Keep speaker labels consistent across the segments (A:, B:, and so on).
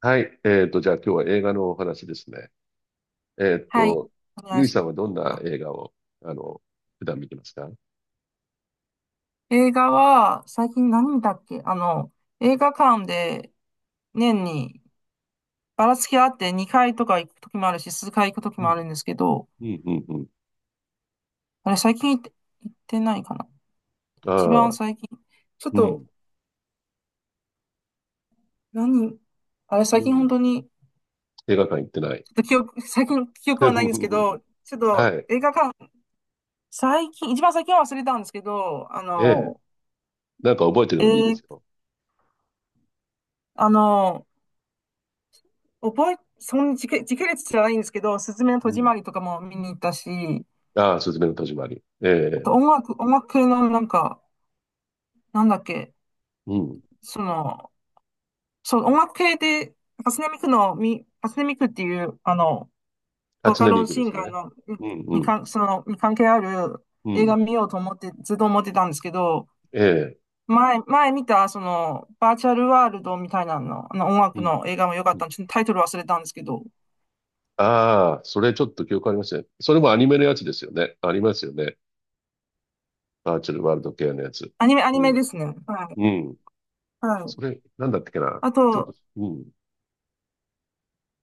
A: はい。じゃあ今日は映画のお話ですね。えっ
B: はい。
A: と、
B: お願
A: ゆ
B: い
A: い
B: し
A: さん
B: ま
A: は
B: す。
A: どんな
B: あ、
A: 映画を、あの、普段見てますか？
B: 映画は、最近何見たっけ映画館で年にばらつきあって2回とか行くときもあるし、数回行くとき
A: う
B: もあ
A: ん。
B: るんですけど、
A: うん、うん、うん。
B: あれ最近行って、行ってないかな
A: あ
B: 一番
A: あ、
B: 最近。ちょっ
A: う
B: と、
A: ん、
B: 何あれ最
A: う
B: 近本
A: ん。
B: 当に、
A: 映画館行って
B: ちょ
A: ない。
B: っと記憶、最近記憶はないんですけ ど、ちょっ
A: は
B: と
A: い。
B: 映画館、最近、一番最近は忘れたんですけど、あ
A: ええ。
B: の、
A: なんか覚えてる
B: え
A: のでいいで
B: ー、
A: すよ。
B: あの、覚え、そん時系、時系列じゃないんですけど、すずめの戸
A: う
B: 締
A: ん。
B: まりとかも見に行ったし、
A: ああ、すずめの戸締まり。え
B: あと
A: え。
B: 音楽系のなんか、なんだっけ、
A: うん。
B: その、そう、音楽系で、パスネミクっていう、あの、ボ
A: 初
B: カ
A: 音ミ
B: ロ
A: クで
B: シン
A: す
B: ガー
A: ね。
B: の、
A: うん、うん、
B: に関係ある
A: う
B: 映画
A: ん。
B: 見ようと思って、ずっと思ってたんですけど、
A: ええ。
B: 前見た、その、バーチャルワールドみたいなの、あの音
A: う
B: 楽
A: ん。
B: の映画も良か
A: う
B: っ
A: ん。
B: たんで、ちょっとタイトル忘れたんですけど、
A: ああ、それちょっと記憶ありません。それもアニメのやつですよね。ありますよね。バーチャルワールド系のやつ。
B: アニ
A: う
B: メ
A: ん。
B: ですね。はい。
A: うん。
B: はい。
A: それ、なんだったっけな。
B: あ
A: ちょっと、
B: と、
A: うん。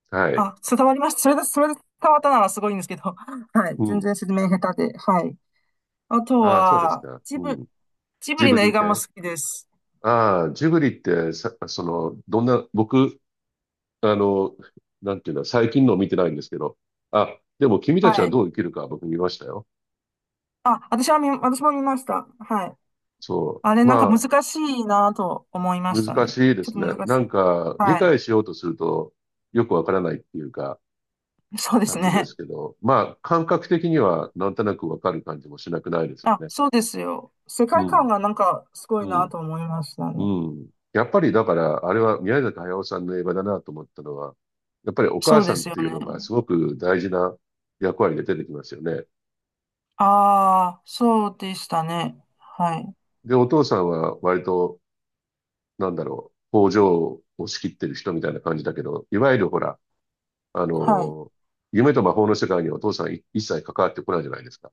A: はい。
B: あ、伝わりました。それで伝わったならすごいんですけど。はい。
A: う
B: 全
A: ん。
B: 然説明下手で。はい。あと
A: ああ、そうです
B: は、
A: か。うん。
B: ジブ
A: ジ
B: リ
A: ブ
B: の映
A: リっ
B: 画も好
A: て、
B: きです。
A: ああ、ジブリってさ、その、どんな、僕、あの、なんていうの、最近のを見てないんですけど。あ、でも君たち
B: は
A: は
B: い。
A: どう生きるか僕見ましたよ。
B: 私も見ました。はい。
A: そ
B: あれ、
A: う。
B: なんか
A: まあ、
B: 難しいなと思いました
A: 難
B: ね。
A: しいで
B: ちょっ
A: す
B: と
A: ね。
B: 難
A: な
B: し
A: ん
B: い。
A: か、理
B: はい。
A: 解しようとすると、よくわからないっていうか、
B: そうです
A: 感じで
B: ね。
A: すけど、まあ、感覚的にはなんとなくわかる感じもしなくないですよ
B: あ、
A: ね。
B: そうですよ。世
A: う
B: 界観
A: ん。
B: がなんかすごい
A: う
B: な
A: ん。
B: と思いましたね。
A: うん。やっぱりだから、あれは宮崎駿さんの映画だなと思ったのは、やっぱりお
B: そ
A: 母
B: うで
A: さんっ
B: すよ
A: ていうのがす
B: ね。
A: ごく大事な役割で出てきますよね。
B: ああ、そうでしたね。はい。
A: で、お父さんは割と、なんだろう、工場を仕切ってる人みたいな感じだけど、いわゆるほら、あ
B: はい。
A: の、夢と魔法の世界にお父さんい一切関わってこないじゃないですか。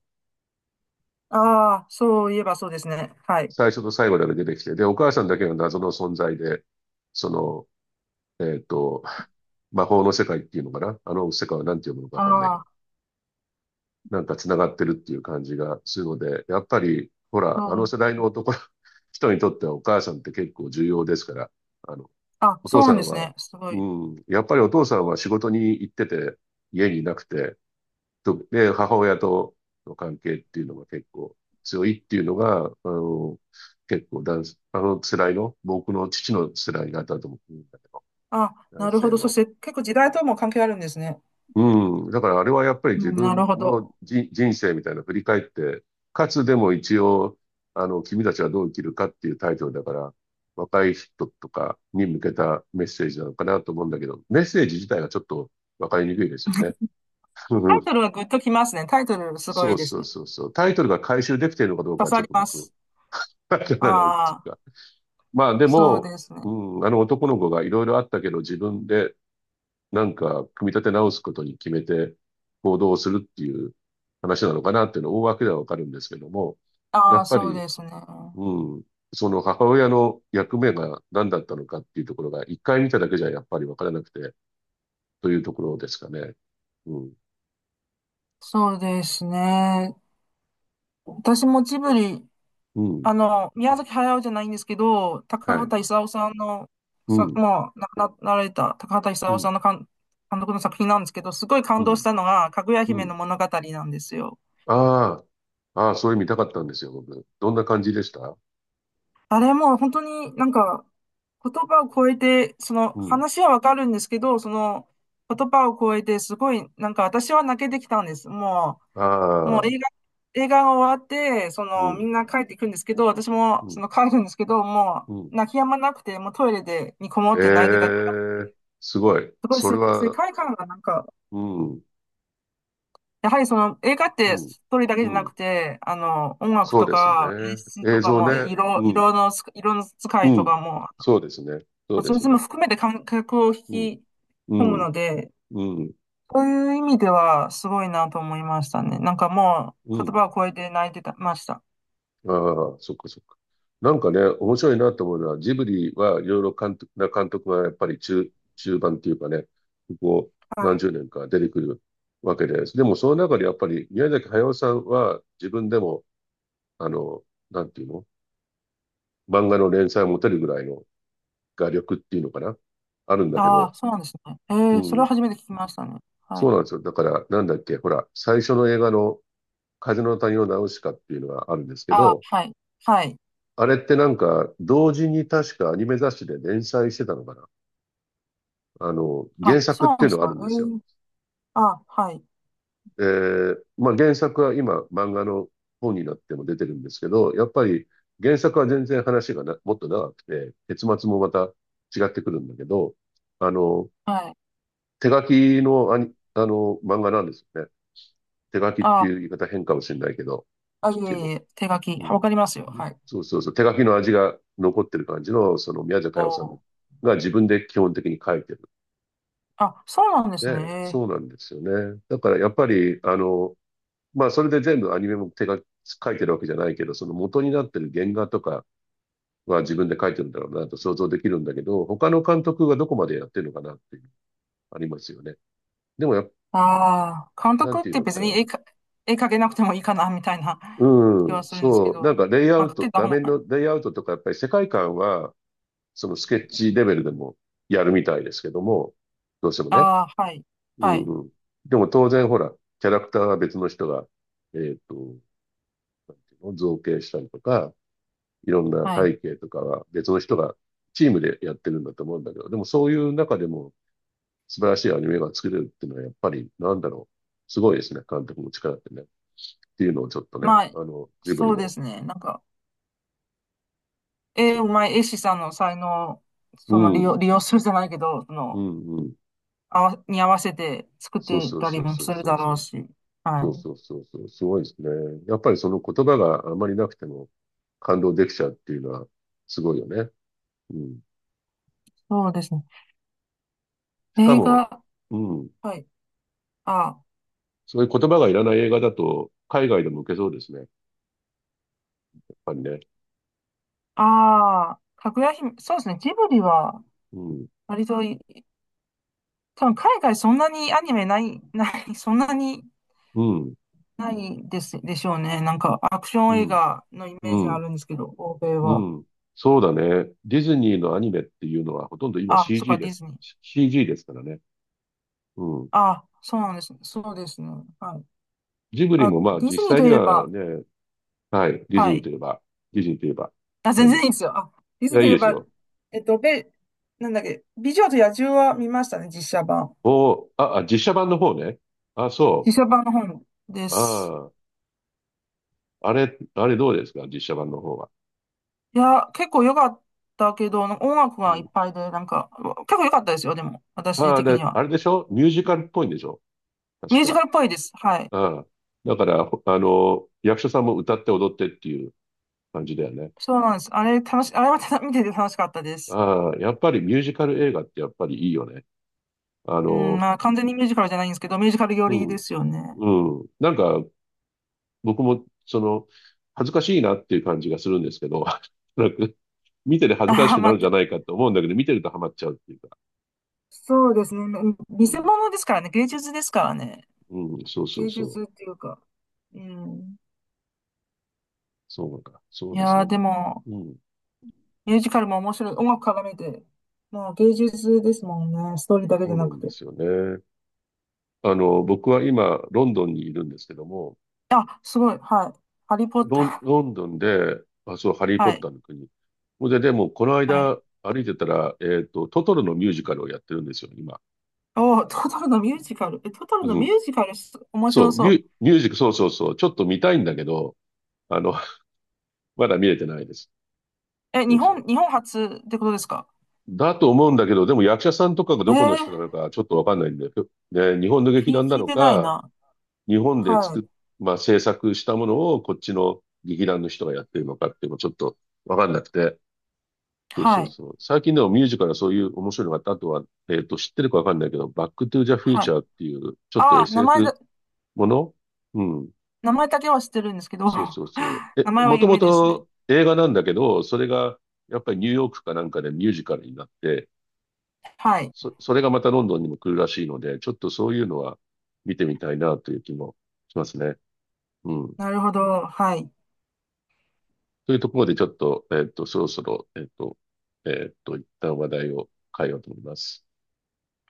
B: ああ、そういえばそうですね。はい。
A: 最初と最後だけ出てきて、で、お母さんだけが謎の存在で、その、えっと、魔法の世界っていうのかな、あの世界は何て読むのかわ
B: あ
A: かんないけど、
B: あ、
A: なんか繋がってるっていう感じがするので、やっぱり、ほ
B: そ
A: ら、あの
B: う、
A: 世代の男、人にとってはお母さんって結構重要ですから、あの、
B: あ、
A: お
B: そ
A: 父
B: う
A: さ
B: なんで
A: ん
B: す
A: は、
B: ね。すご
A: う
B: い。
A: ん、やっぱりお父さんは仕事に行ってて、家にいなくて、とで、母親との関係っていうのが結構強いっていうのが、結構男、あの世代の、僕の父の世代だったと思うんだけど、
B: あ、な
A: 男
B: るほ
A: 性
B: ど。そし
A: の、
B: て結構時代とも関係あるんですね。
A: うん。だからあれはやっぱり自
B: うん、な
A: 分
B: るほ
A: の
B: ど。
A: じ人生みたいな振り返って、かつでも一応、君たちはどう生きるかっていうタイトルだから、若い人とかに向けたメッセージなのかなと思うんだけど、メッセージ自体がちょっとわかりにくいですよね。
B: タイト ルはグッときますね。タイトルすご
A: そ
B: い
A: う
B: です
A: そう
B: ね。
A: そうそう。タイトルが回収できているのかどう
B: 刺
A: かはち
B: さ
A: ょっ
B: り
A: と
B: ま
A: 僕、
B: す。
A: わからないってい
B: ああ、
A: うか。まあで
B: そう
A: も、
B: です
A: う
B: ね。
A: ん、あの男の子がいろいろあったけど、自分でなんか、組み立て直すことに決めて行動をするっていう話なのかなっていうのは大枠ではわかるんですけども、や
B: ああ、
A: っぱ
B: そう
A: り、
B: ですね。
A: うん、その母親の役目が何だったのかっていうところが、一回見ただけじゃやっぱりわからなくて、というところですかね。うん、
B: そうですね。私もジブリ、
A: うん、
B: あの、宮崎駿じゃないんですけど、高
A: はい。
B: 畑勲さんの、
A: うん、
B: もう亡くななられた高畑
A: う
B: 勲さ
A: ん、
B: んの監督の作品なんですけど、すごい感
A: う
B: 動
A: ん、
B: したのが、かぐや
A: う
B: 姫の
A: ん。
B: 物語なんですよ。
A: ああ、ああ、そういう見たかったんですよ、僕。どんな感じでした？
B: あれもう本当になんか言葉を超えて、その
A: うん。
B: 話はわかるんですけど、その言葉を超えてすごいなんか私は泣けてきたんです。もう
A: ああ、
B: 映画が終わって、そ
A: う
B: の
A: ん、
B: みんな帰っていくんですけど、私も
A: う
B: そ
A: ん、
B: の帰るんですけど、も
A: うん。
B: う泣き止まなくて、もうトイレでにこもって泣いてたか
A: え
B: ら、
A: え、すごい。
B: すごい
A: それ
B: 世
A: は、
B: 界観がなんか、
A: うん、
B: やはりその映画っ
A: う
B: て
A: ん、
B: ストーリーだけじゃ
A: う
B: な
A: ん。
B: くて、あの、音楽
A: そう
B: と
A: です
B: か演
A: ね。
B: 出と
A: 映
B: か
A: 像
B: も
A: ね。うん、
B: 色の使
A: う
B: いと
A: ん。
B: かも
A: そうですね。そ
B: ま
A: う
B: あ、
A: で
B: それ
A: す
B: も
A: ね。
B: 含めて観客を引
A: うん、
B: き
A: う
B: 込む
A: ん、
B: ので、
A: うん、
B: そういう意味ではすごいなと思いましたね。なんかも
A: う
B: う言
A: ん。
B: 葉を超えて泣いてたました。
A: ああ、そっかそっか。なんかね、面白いなと思うのは、ジブリはいろいろ監督、な監督がやっぱり中、中盤っていうかね、ここ
B: は
A: 何
B: い。
A: 十年か出てくるわけです。でもその中でやっぱり宮崎駿さんは自分でも、あの、なんていうの、漫画の連載を持てるぐらいの画力っていうのかな、あるんだけ
B: あ
A: ど、
B: あ、そうなんですね。
A: う
B: それは
A: ん。
B: 初めて聞きましたね。はい。
A: そうなんですよ。だから、なんだっけ、ほら、最初の映画の風の谷のナウシカっていうのがあるんですけ
B: ああ、
A: ど、
B: はい。はい。
A: あれってなんか、同時に確かアニメ雑誌で連載してたのかな。
B: あ、
A: 原
B: そ
A: 作っ
B: う
A: て
B: な
A: い
B: んで
A: うの
B: す
A: がある
B: か。
A: んで
B: え
A: すよ。
B: え、あはい。
A: えー、まあ原作は今、漫画の本になっても出てるんですけど、やっぱり原作は全然話がな、もっと長くて、結末もまた違ってくるんだけど、あの、
B: はい。
A: 手書きのアニ、あの、漫画なんですよね。手書きっ
B: あ
A: てい
B: あ、
A: う言い方変かもしれないけど、なん
B: い
A: ていう
B: えい
A: の。
B: え、手書き。
A: うん、
B: わかりますよ。はい。
A: そうそうそう、手書きの味が残ってる感じの、その宮崎
B: お
A: 駿さんの
B: ー。
A: が自分で基本的に書いてる
B: あ、そうなんです
A: ので、そ
B: ね。
A: うなんですよね。だからやっぱり、まあそれで全部アニメも手が書いてるわけじゃないけど、その元になってる原画とかは自分で書いてるんだろうなと想像できるんだけど、他の監督がどこまでやってるのかなっていう、ありますよね。でもやっ、
B: ああ、監
A: なん
B: 督っ
A: ていう
B: て
A: のか
B: 別に
A: な。
B: 絵描けなくてもいいかな、みたいな気
A: う
B: は
A: ん、
B: するんです
A: そ
B: け
A: う、
B: ど、
A: なんかレイア
B: まあ、
A: ウ
B: 描
A: ト、
B: けた
A: 画
B: 本
A: 面のレイアウトとかやっぱり世界観はそのスケッチレベルでもやるみたいですけども、どうしてもね。
B: ああ、はい、
A: う
B: は
A: ん
B: い、
A: うん。でも当然ほら、キャラクターは別の人が、えっと、造形したりとか、いろんな
B: はい。
A: 背景とかは別の人がチームでやってるんだと思うんだけど、でもそういう中でも素晴らしいアニメが作れるっていうのはやっぱりなんだろう。すごいですね。監督の力ってね。っていうのをちょっとね、
B: まあ、
A: ジブ
B: そ
A: リ
B: うで
A: の、
B: すね。なんか、
A: そう
B: うま
A: そ
B: い絵師さんの才能、
A: う。
B: その
A: うん、
B: 利用するじゃないけど、そ
A: う
B: の、
A: ん、うん。
B: に合わせて作っ
A: そう
B: てい
A: そう
B: た
A: そ
B: り
A: う
B: も
A: そう
B: する
A: そう
B: だ
A: そ
B: ろう
A: う。
B: し。は
A: そう
B: い。
A: そうそうそう、すごいですね。やっぱりその言葉があまりなくても感動できちゃうっていうのはすごいよね。うん。
B: そうですね。
A: しか
B: 映
A: も、
B: 画、
A: うん。
B: はい。あ、
A: そういう言葉がいらない映画だと海外でも受けそうですね。やっぱりね。
B: ああ、かぐや姫、そうですね。ジブリは、
A: うん。
B: 割とい、多分海外そんなにアニメない、ない、そんなに
A: うん。
B: ないです、でしょうね。なんか、アクショ
A: う
B: ン映
A: ん。
B: 画のイメ
A: う
B: ージがあ
A: ん。
B: るんですけど、欧米
A: う
B: は。
A: ん。そうだね。ディズニーのアニメっていうのはほとんど今
B: あ、そっか、
A: CG で
B: ディ
A: す。
B: ズニー。
A: CG ですからね。うん。
B: あ、そうなんですね。そうですね。はい。
A: ジブリ
B: あ、
A: もまあ
B: ディ
A: 実
B: ズニー
A: 際
B: と
A: に
B: いえ
A: は
B: ば、
A: ね、はい。ディズ
B: は
A: ニー
B: い。
A: といえば、ディズニーといえば、
B: あ、
A: な
B: 全
A: んで
B: 然いい
A: す。
B: ですよ。あ、ディ
A: い
B: ズニ
A: や、
B: ー
A: い
B: とい
A: い
B: え
A: です
B: ば、
A: よ。
B: えっと、べ、なんだっけ、美女と野獣は見ましたね、実写版。
A: おー、あ、あ、実写版の方ね。あ、
B: 実
A: そ
B: 写版の本で
A: う。
B: す。
A: ああ、あれ、あれどうですか実写版の方は？
B: いや、結構良かったけど、なんか音楽
A: う
B: がいっ
A: ん。
B: ぱいで、なんか、結構良かったですよ、でも、私
A: ああ、
B: 的に
A: で、
B: は。
A: あれでしょミュージカルっぽいんでしょ
B: ミ
A: 確
B: ュージ
A: か。
B: カルっぽいです。はい。
A: ああ。だから、ほあの、役者さんも歌って踊ってっていう感じだよね。
B: そうなんです。あれ、あれは見てて楽しかったです。
A: ああ、やっぱりミュージカル映画ってやっぱりいいよね。あ
B: うん、
A: の、
B: まあ、完全にミュージカルじゃないんですけど、ミュージカル寄
A: う
B: りで
A: ん、
B: すよね。
A: うん。なんか、僕も、その、恥ずかしいなっていう感じがするんですけど、なんか、見てて恥ずかし
B: ああ
A: く
B: ま
A: な
B: あ、
A: るんじゃないかと思うんだけど、見てるとハマっちゃうっていうか。
B: そうですね。うん
A: う
B: 見せ
A: ん
B: 物ですからね。芸術ですからね。
A: うん、そうそう
B: 芸
A: そう。
B: 術っていうか。うん。
A: そうか。そう
B: い
A: です
B: や
A: ね。
B: ー、で
A: も、
B: も、
A: うん。
B: ミュージカルも面白い。音楽絡めて。もう芸術ですもんね。ストーリーだけじ
A: そ
B: ゃ
A: うな
B: な
A: ん
B: く
A: で
B: て。
A: すよね。僕は今、ロンドンにいるんですけども、
B: あ、すごい。はい。ハリーポッ
A: ロン、
B: タ
A: ロンドンで、あ、そう、ハリー・
B: ー。
A: ポッ
B: はい。
A: ターの国。ほんで、でも、この
B: はい。
A: 間、歩いてたら、トトロのミュージカルをやってるんですよ、今。
B: おー、トトロのミュージカル。え、トトロの
A: う
B: ミュ
A: ん。
B: ージカルす、面
A: そ
B: 白
A: う、
B: そ
A: ミ
B: う。
A: ュ、ミュージック、そうそうそう。ちょっと見たいんだけど、あの、まだ見れてないです。
B: え、
A: そうそう。
B: 日本初ってことですか
A: だと思うんだけど、でも役者さんとかが
B: え
A: どこの人
B: ー、
A: なのか、ちょっとわかんないんで、ね、日本の劇団な
B: 聞い
A: の
B: てない
A: か、
B: な。
A: 日本で
B: は
A: 作っ、
B: い。
A: まあ、制作したものをこっちの劇団の人がやってるのかっていうのもちょっとわかんなくて。そうそ
B: は
A: う
B: い。
A: そう。最近でもミュージカルはそういう面白いのがあった。あとは、知ってるかわかんないけど、バックトゥザフュー
B: は
A: チ
B: い。
A: ャーっていう、ちょっと
B: あー、名前だ。
A: SF もの、うん。
B: 名前だけは知ってるんですけど、
A: そうそうそう。え、
B: 名前は
A: もとも
B: 夢ですね。
A: と映画なんだけど、それが、やっぱりニューヨークかなんかでミュージカルになって、
B: はい。
A: そ、それがまたロンドンにも来るらしいので、ちょっとそういうのは見てみたいなという気もしますね。うん。
B: なるほど。はい。
A: というところでちょっと、そろそろ、一旦話題を変えようと思います。